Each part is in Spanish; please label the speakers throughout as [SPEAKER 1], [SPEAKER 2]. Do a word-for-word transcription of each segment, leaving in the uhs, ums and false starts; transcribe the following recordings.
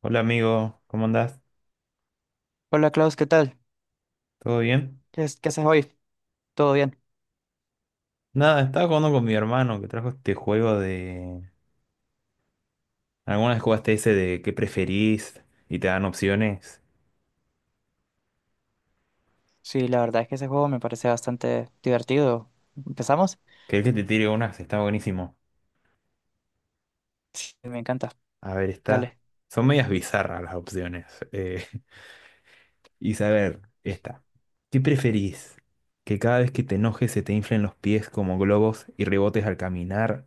[SPEAKER 1] Hola amigo, ¿cómo andás?
[SPEAKER 2] Hola Klaus, ¿qué tal?
[SPEAKER 1] ¿Todo bien?
[SPEAKER 2] ¿Qué, es- qué haces hoy? ¿Todo bien?
[SPEAKER 1] Nada, estaba jugando con mi hermano que trajo este juego de... Algunas vez jugaste ese de qué preferís y te dan opciones.
[SPEAKER 2] Sí, la verdad es que ese juego me parece bastante divertido. ¿Empezamos?
[SPEAKER 1] Que el que te tire unas está buenísimo.
[SPEAKER 2] Me encanta.
[SPEAKER 1] A ver, está...
[SPEAKER 2] Dale.
[SPEAKER 1] Son medias bizarras las opciones. eh, y saber, esta. ¿Qué preferís? ¿Que cada vez que te enojes se te inflen los pies como globos y rebotes al caminar?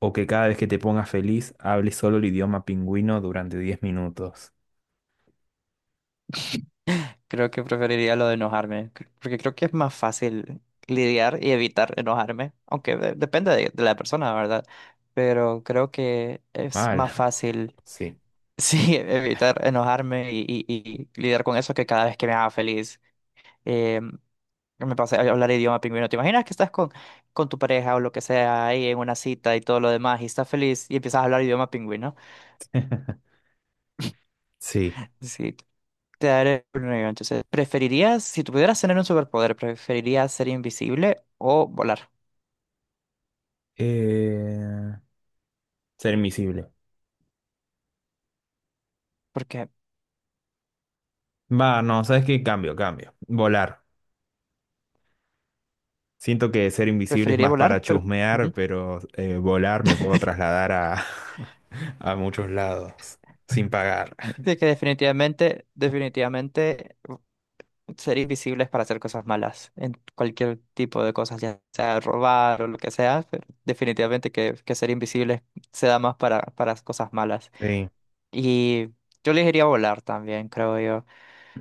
[SPEAKER 1] ¿O que cada vez que te pongas feliz hables solo el idioma pingüino durante diez minutos?
[SPEAKER 2] Creo que preferiría lo de enojarme, cr- porque creo que es más fácil lidiar y evitar enojarme, aunque de- depende de, de la persona, ¿verdad? Pero creo que es
[SPEAKER 1] Mal.
[SPEAKER 2] más fácil.
[SPEAKER 1] Sí.
[SPEAKER 2] Sí, evitar enojarme y, y- y lidiar con eso que cada vez que me haga feliz. Em, Me pasa a hablar idioma pingüino. ¿Te imaginas que estás con, con tu pareja o lo que sea ahí en una cita y todo lo demás y estás feliz y empiezas a hablar idioma pingüino?
[SPEAKER 1] Sí.
[SPEAKER 2] Sí, te daré un negro. Entonces, ¿preferirías, si tú pudieras tener un superpoder, preferirías ser invisible o volar?
[SPEAKER 1] Eh, ser invisible.
[SPEAKER 2] Porque
[SPEAKER 1] Va, no, ¿sabes qué? Cambio, cambio. Volar. Siento que ser invisible es
[SPEAKER 2] preferiría
[SPEAKER 1] más para
[SPEAKER 2] volar, pero
[SPEAKER 1] chusmear,
[SPEAKER 2] ujú.
[SPEAKER 1] pero eh, volar me puedo trasladar a, a muchos lados sin pagar.
[SPEAKER 2] De que definitivamente, definitivamente ser invisible es para hacer cosas malas, en cualquier tipo de cosas, ya sea robar o lo que sea, pero definitivamente que, que ser invisible se da más para, para cosas malas.
[SPEAKER 1] Sí,
[SPEAKER 2] Y yo le diría volar también, creo yo.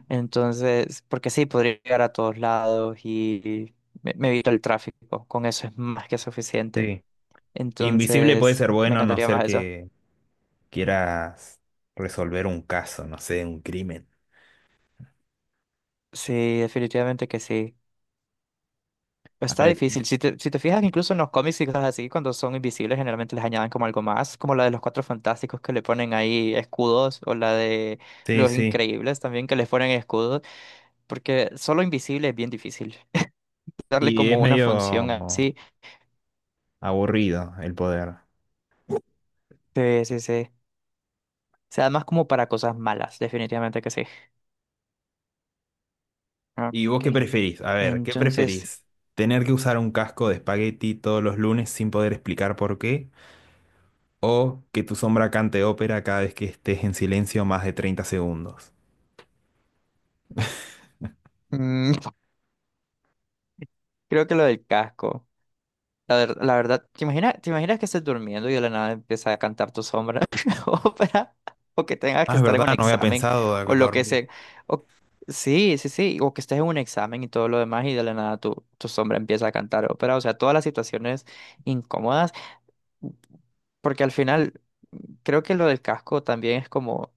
[SPEAKER 2] Entonces, porque sí, podría llegar a todos lados y me, me evito el tráfico. Con eso es más que suficiente.
[SPEAKER 1] sí. Invisible puede
[SPEAKER 2] Entonces,
[SPEAKER 1] ser
[SPEAKER 2] me
[SPEAKER 1] bueno a no
[SPEAKER 2] encantaría
[SPEAKER 1] ser
[SPEAKER 2] más eso.
[SPEAKER 1] que quieras resolver un caso, no sé, un crimen.
[SPEAKER 2] Sí, definitivamente que sí.
[SPEAKER 1] A
[SPEAKER 2] Está
[SPEAKER 1] ver,
[SPEAKER 2] difícil. Si te, si te fijas, incluso en los cómics y cosas así, cuando son invisibles, generalmente les añaden como algo más, como la de los Cuatro Fantásticos que le ponen ahí escudos, o la de
[SPEAKER 1] sí,
[SPEAKER 2] los
[SPEAKER 1] sí.
[SPEAKER 2] Increíbles también que les ponen escudos, porque solo invisible es bien difícil. Darle
[SPEAKER 1] Y es
[SPEAKER 2] como una
[SPEAKER 1] medio
[SPEAKER 2] función así.
[SPEAKER 1] aburrido el poder.
[SPEAKER 2] Sí, sí, sí. O sea, más como para cosas malas, definitivamente que sí. Ah,
[SPEAKER 1] ¿Y vos qué
[SPEAKER 2] Ok.
[SPEAKER 1] preferís? A ver, ¿qué
[SPEAKER 2] Entonces,
[SPEAKER 1] preferís? ¿Tener que usar un casco de espagueti todos los lunes sin poder explicar por qué? ¿O que tu sombra cante ópera cada vez que estés en silencio más de treinta segundos?
[SPEAKER 2] mm, creo que lo del casco. La, ver- la verdad, ¿te imaginas, te imaginas que estés durmiendo y de la nada empieza a cantar tu sombra? Ópera. O que tengas
[SPEAKER 1] Ah,
[SPEAKER 2] que
[SPEAKER 1] es
[SPEAKER 2] estar en un
[SPEAKER 1] verdad, no había
[SPEAKER 2] examen.
[SPEAKER 1] pensado de
[SPEAKER 2] O lo que
[SPEAKER 1] dormir.
[SPEAKER 2] sea. O, sí, sí, sí. O que estés en un examen y todo lo demás y de la nada tu, tu sombra empieza a cantar ópera. O sea, todas las situaciones incómodas. Porque al final, creo que lo del casco también es como.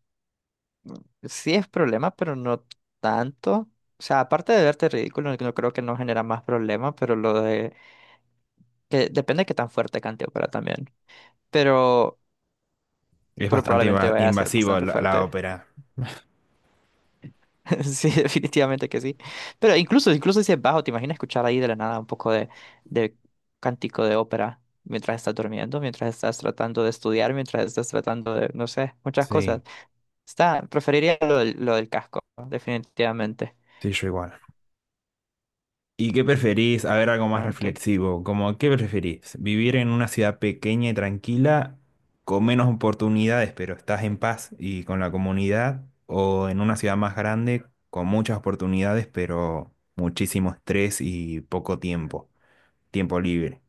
[SPEAKER 2] Sí es problema, pero no tanto. O sea, aparte de verte ridículo, no creo que no genera más problema, pero lo de que depende de qué tan fuerte cante ópera también. Pero,
[SPEAKER 1] Es
[SPEAKER 2] pero
[SPEAKER 1] bastante
[SPEAKER 2] probablemente
[SPEAKER 1] inva-
[SPEAKER 2] vaya a ser
[SPEAKER 1] invasivo
[SPEAKER 2] bastante
[SPEAKER 1] la, la
[SPEAKER 2] fuerte.
[SPEAKER 1] ópera.
[SPEAKER 2] Sí, definitivamente que sí. Pero incluso, incluso si es bajo, ¿te imaginas escuchar ahí de la nada un poco de, de cántico de ópera mientras estás durmiendo, mientras estás tratando de estudiar, mientras estás tratando de, no sé, muchas cosas?
[SPEAKER 1] Sí,
[SPEAKER 2] Está, preferiría lo del, lo del casco, definitivamente.
[SPEAKER 1] sí, yo igual. ¿Y qué preferís? A ver, algo más
[SPEAKER 2] Ah, Ok.
[SPEAKER 1] reflexivo. Como, ¿qué preferís? ¿Vivir en una ciudad pequeña y tranquila, con menos oportunidades, pero estás en paz y con la comunidad? ¿O en una ciudad más grande, con muchas oportunidades, pero muchísimo estrés y poco tiempo? Tiempo libre.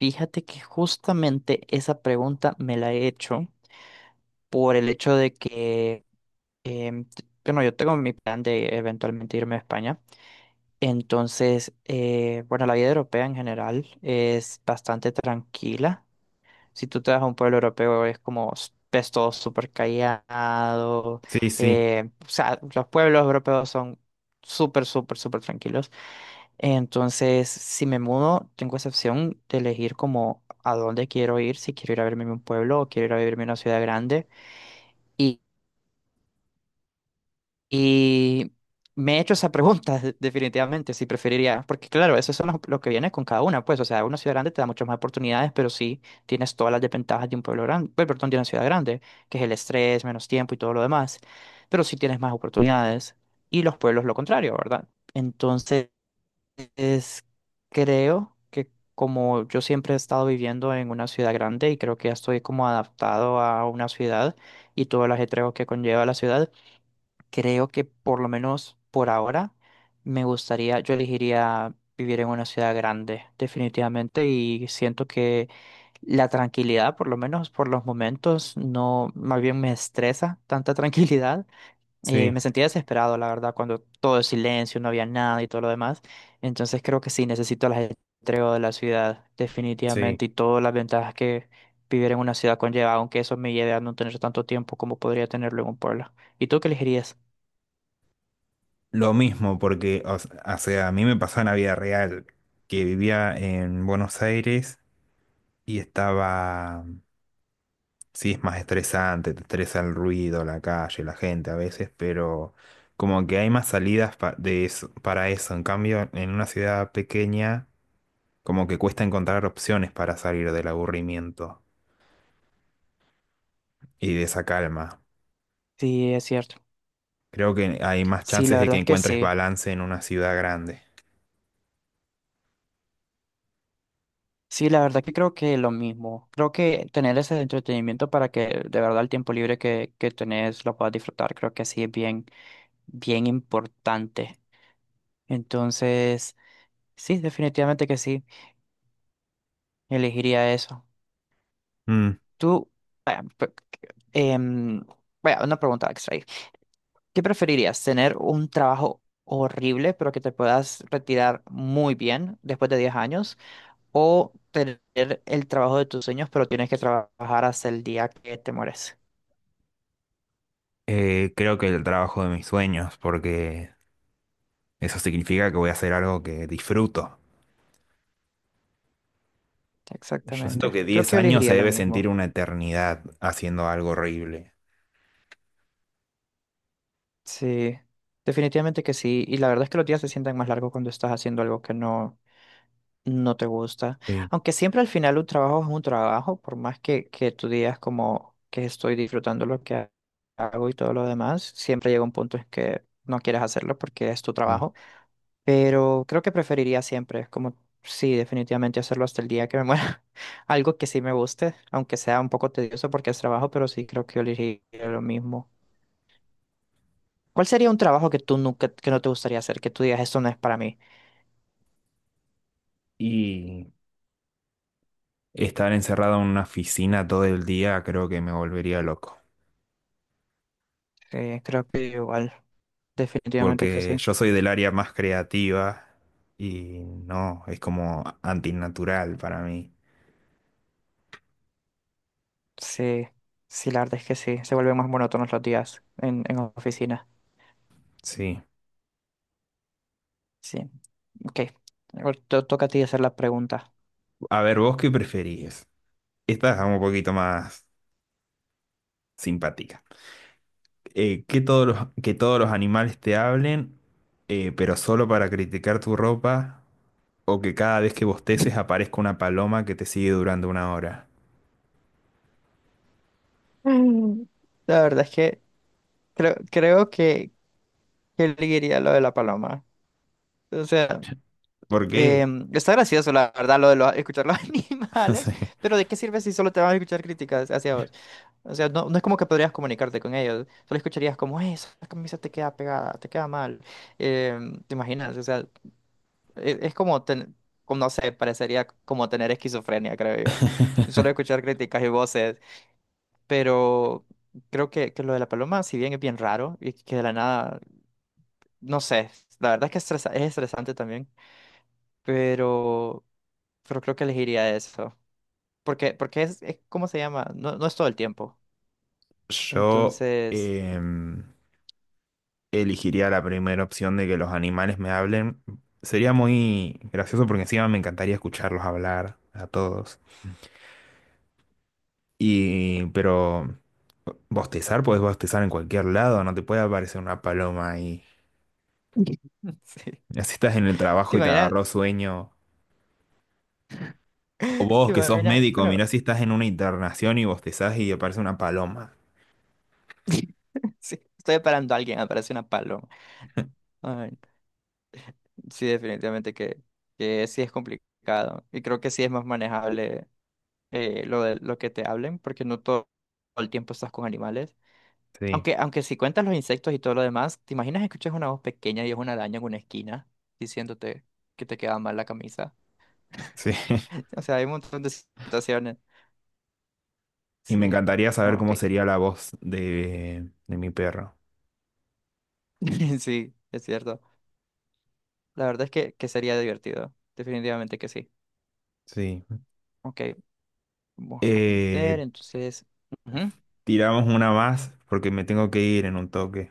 [SPEAKER 2] Fíjate que justamente esa pregunta me la he hecho por el hecho de que, em, t- bueno, yo tengo mi plan de eventualmente irme a España. Entonces, eh, bueno, la vida europea en general es bastante tranquila. Si tú te vas a un pueblo europeo es como, s- ves todo súper callado.
[SPEAKER 1] Sí, sí,
[SPEAKER 2] eh, o sea, los pueblos europeos son súper, súper, súper tranquilos. Entonces, si me mudo, tengo esa opción de elegir como a dónde quiero ir, si quiero ir a verme en un pueblo o quiero ir a vivirme en una ciudad grande. Y, y me he hecho esa pregunta. Definitivamente, si preferiría, porque claro, eso es lo, lo que viene con cada una, pues, o sea, una ciudad grande te da muchas más oportunidades, pero sí tienes todas las desventajas de un pueblo grande, perdón, de una ciudad grande, que es el estrés, menos tiempo y todo lo demás, pero sí tienes más oportunidades. Y los pueblos lo contrario, ¿verdad? Entonces, es, creo que como yo siempre he estado viviendo en una ciudad grande y creo que ya estoy como adaptado a una ciudad y todo el ajetreo que conlleva la ciudad, creo que por lo menos por ahora me gustaría, yo elegiría vivir en una ciudad grande, definitivamente, y siento que la tranquilidad, por lo menos por los momentos, no, más bien me estresa tanta tranquilidad. eh,
[SPEAKER 1] sí,
[SPEAKER 2] me sentía desesperado, la verdad, cuando todo es silencio, no había nada y todo lo demás. Entonces creo que sí, necesito el ajetreo de la ciudad,
[SPEAKER 1] sí.
[SPEAKER 2] definitivamente, y todas las ventajas que vivir en una ciudad conlleva, aunque eso me lleve a no tener tanto tiempo como podría tenerlo en un pueblo. ¿Y tú qué elegirías?
[SPEAKER 1] Lo mismo, porque, o s- o sea, a mí me pasó en la vida real, que vivía en Buenos Aires y estaba. Sí, es más estresante, te estresa el ruido, la calle, la gente a veces, pero como que hay más salidas pa- de eso- para eso. En cambio, en una ciudad pequeña, como que cuesta encontrar opciones para salir del aburrimiento y de esa calma.
[SPEAKER 2] Sí, es cierto.
[SPEAKER 1] Creo que hay más
[SPEAKER 2] Sí,
[SPEAKER 1] chances
[SPEAKER 2] la
[SPEAKER 1] de que
[SPEAKER 2] verdad que
[SPEAKER 1] encuentres
[SPEAKER 2] sí.
[SPEAKER 1] balance en una ciudad grande.
[SPEAKER 2] Sí, la verdad que creo que lo mismo. Creo que tener ese entretenimiento para que de verdad el tiempo libre que, que tenés lo puedas disfrutar, creo que sí es bien, bien importante. Entonces, sí, definitivamente que sí, elegiría eso.
[SPEAKER 1] Mm,
[SPEAKER 2] Tú, vaya, pe- em, vaya, una pregunta extra ahí. ¿Qué preferirías, tener un trabajo horrible pero que te puedas retirar muy bien después de diez años o tener el trabajo de tus sueños pero tienes que trabajar hasta el día que te mueres?
[SPEAKER 1] eh, creo que el trabajo de mis sueños, porque eso significa que voy a hacer algo que disfruto. Yo siento
[SPEAKER 2] Exactamente.
[SPEAKER 1] que
[SPEAKER 2] Creo
[SPEAKER 1] diez
[SPEAKER 2] que yo
[SPEAKER 1] años se
[SPEAKER 2] elegiría lo
[SPEAKER 1] debe sentir
[SPEAKER 2] mismo.
[SPEAKER 1] una eternidad haciendo algo horrible.
[SPEAKER 2] Sí, definitivamente que sí. Y la verdad es que los días se sienten más largos cuando estás haciendo algo que no, no te gusta.
[SPEAKER 1] Sí.
[SPEAKER 2] Aunque siempre al final un trabajo es un trabajo, por más que, que tú digas como que estoy disfrutando lo que ha- hago y todo lo demás, siempre llega un punto en que no quieres hacerlo porque es tu trabajo. Pero creo que preferiría siempre, es como, sí, definitivamente hacerlo hasta el día que me muera. Algo que sí me guste, aunque sea un poco tedioso porque es trabajo, pero sí creo que yo elegiría lo mismo. ¿Cuál sería un trabajo que tú nunca, que no te gustaría hacer, que tú digas, esto no es para mí?
[SPEAKER 1] Y estar encerrado en una oficina todo el día creo que me volvería loco.
[SPEAKER 2] Eh, creo que igual, definitivamente que
[SPEAKER 1] Porque
[SPEAKER 2] sí.
[SPEAKER 1] yo soy del área más creativa y no, es como antinatural para mí.
[SPEAKER 2] Sí, sí, la verdad es que sí. Se vuelven más monótonos los días en, en oficina.
[SPEAKER 1] Sí.
[SPEAKER 2] Sí, ok. Ahora to- toca a ti hacer la pregunta.
[SPEAKER 1] A ver, ¿vos qué preferís? Esta es un poquito más simpática. Eh, que todos los, que todos los animales te hablen, eh, pero solo para criticar tu ropa, o que cada vez que bosteces aparezca una paloma que te sigue durante una hora.
[SPEAKER 2] Mm. La verdad es que creo, creo que, que elegiría lo de la paloma. O sea,
[SPEAKER 1] ¿Por qué?
[SPEAKER 2] em, está gracioso, la verdad, lo de los- escuchar los animales,
[SPEAKER 1] Sí.
[SPEAKER 2] pero ¿de qué sirve si solo te van a escuchar críticas hacia vos? O sea, no, no es como que podrías comunicarte con ellos, solo escucharías como, eh, esa camisa te queda pegada, te queda mal. Em, ¿te imaginas? O sea, e- es como, ten- como, no sé, parecería como tener esquizofrenia, creo yo. Solo escuchar críticas y voces, pero creo que, que lo de la paloma, si bien es bien raro y que de la nada, no sé, la verdad es que estresa- es estresante también, pero, pero creo que elegiría eso. Porque, porque es, es- ¿cómo se llama? No, no es todo el tiempo.
[SPEAKER 1] Yo
[SPEAKER 2] Entonces,
[SPEAKER 1] em, elegiría la primera opción de que los animales me hablen. Sería muy gracioso porque encima me encantaría escucharlos hablar a todos. Y, pero bostezar, puedes bostezar en cualquier lado, no te puede aparecer una paloma ahí.
[SPEAKER 2] sí.
[SPEAKER 1] Mirá si estás en el trabajo
[SPEAKER 2] ¿Te
[SPEAKER 1] y te
[SPEAKER 2] imaginas?
[SPEAKER 1] agarró sueño. O vos
[SPEAKER 2] ¿Te
[SPEAKER 1] que sos
[SPEAKER 2] imaginas?
[SPEAKER 1] médico,
[SPEAKER 2] Bueno,
[SPEAKER 1] mirá si estás en una internación y bostezás y aparece una paloma.
[SPEAKER 2] sí, estoy esperando a alguien, aparece una paloma. Ay, sí, definitivamente que, que sí es complicado. Y creo que sí es más manejable, eh, lo de lo que te hablen, porque no todo, todo el tiempo estás con animales.
[SPEAKER 1] Sí,
[SPEAKER 2] Aunque, aunque si cuentas los insectos y todo lo demás, ¿te imaginas que escuchas una voz pequeña y es una araña en una esquina diciéndote que te queda mal la camisa?
[SPEAKER 1] sí.
[SPEAKER 2] O sea, hay un montón de situaciones.
[SPEAKER 1] Y me
[SPEAKER 2] Sí,
[SPEAKER 1] encantaría saber
[SPEAKER 2] ah, ok.
[SPEAKER 1] cómo sería la voz de, de mi perro.
[SPEAKER 2] Sí, es cierto. La verdad es que, que sería divertido. Definitivamente que sí.
[SPEAKER 1] Sí.
[SPEAKER 2] Ok, vamos a ver,
[SPEAKER 1] Eh,
[SPEAKER 2] entonces. Ujú.
[SPEAKER 1] tiramos una más porque me tengo que ir en un toque.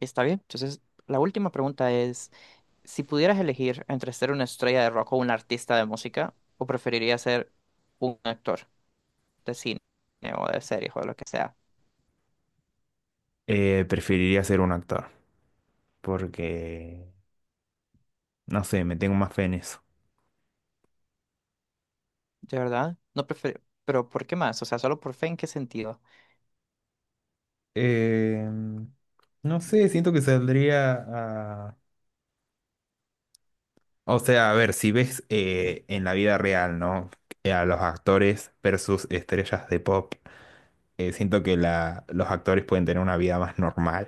[SPEAKER 2] Está bien. Entonces, la última pregunta es, si pudieras elegir entre ser una estrella de rock o un artista de música, ¿o preferirías ser un actor de cine o de series o de lo que sea?
[SPEAKER 1] Eh, preferiría ser un actor porque, no sé, me tengo más fe en eso.
[SPEAKER 2] ¿De verdad? No prefiero. Pero ¿por qué más? O sea, solo por fe, ¿en qué sentido?
[SPEAKER 1] Eh, no sé, siento que saldría a... O sea, a ver, si ves eh, en la vida real, ¿no? Eh, a los actores versus estrellas de pop, eh, siento que la, los actores pueden tener una vida más normal.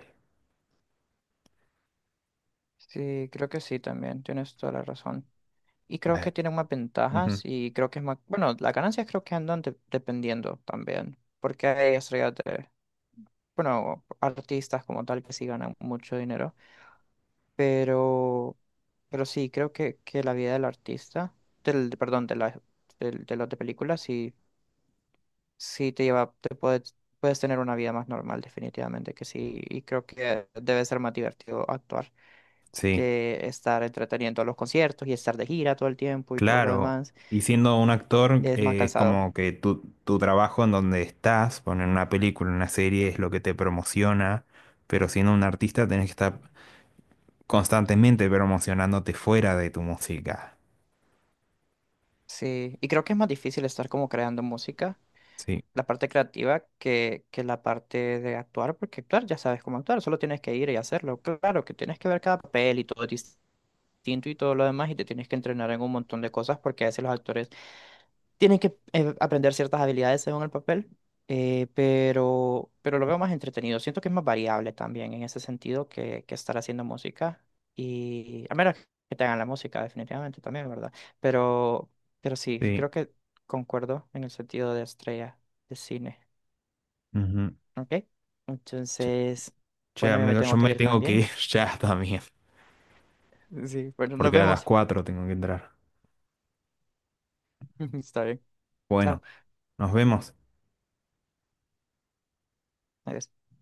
[SPEAKER 2] Sí, creo que sí también, tienes toda la razón. Y creo que
[SPEAKER 1] Eh,
[SPEAKER 2] tiene más ventajas
[SPEAKER 1] ujú.
[SPEAKER 2] y creo que es más. Bueno, las ganancias creo que andan de- dependiendo también, porque hay estrellas de. Bueno, artistas como tal que sí ganan mucho dinero, pero, pero sí, creo que, que la vida del artista, del, de- perdón, de la, del- de, los de películas, sí, sí te lleva, te puedes, puedes tener una vida más normal, definitivamente que sí, y creo que debe ser más divertido actuar
[SPEAKER 1] Sí.
[SPEAKER 2] que estar entreteniendo a los conciertos y estar de gira todo el tiempo y todo lo
[SPEAKER 1] Claro,
[SPEAKER 2] demás,
[SPEAKER 1] y siendo un actor,
[SPEAKER 2] es más
[SPEAKER 1] eh, es
[SPEAKER 2] cansado,
[SPEAKER 1] como que tu, tu trabajo en donde estás, poner una película, una serie, es lo que te promociona, pero siendo un artista tenés que estar constantemente promocionándote fuera de tu música.
[SPEAKER 2] sí, y creo que es más difícil estar como creando música.
[SPEAKER 1] Sí,
[SPEAKER 2] La parte creativa que, que la parte de actuar, porque actuar ya sabes cómo actuar, solo tienes que ir y hacerlo. Claro que tienes que ver cada papel y todo es distinto y todo lo demás, y te tienes que entrenar en un montón de cosas, porque a veces los actores tienen que eh, aprender ciertas habilidades según el papel, eh, pero, pero lo veo más entretenido. Siento que es más variable también en ese sentido que, que estar haciendo música, y a menos que te hagan la música, definitivamente también, ¿verdad? Pero, pero sí,
[SPEAKER 1] sí.
[SPEAKER 2] creo que concuerdo en el sentido de estrella de cine.
[SPEAKER 1] Ujú.
[SPEAKER 2] Ok.
[SPEAKER 1] Che,
[SPEAKER 2] Entonces,
[SPEAKER 1] che,
[SPEAKER 2] bueno, yo me
[SPEAKER 1] amigo, yo
[SPEAKER 2] tengo que
[SPEAKER 1] me
[SPEAKER 2] ir
[SPEAKER 1] tengo que
[SPEAKER 2] también.
[SPEAKER 1] ir ya también,
[SPEAKER 2] Sí, bueno, nos
[SPEAKER 1] porque a las
[SPEAKER 2] vemos.
[SPEAKER 1] cuatro tengo que entrar.
[SPEAKER 2] Está bien. Chao.
[SPEAKER 1] Bueno, nos vemos.
[SPEAKER 2] Adiós.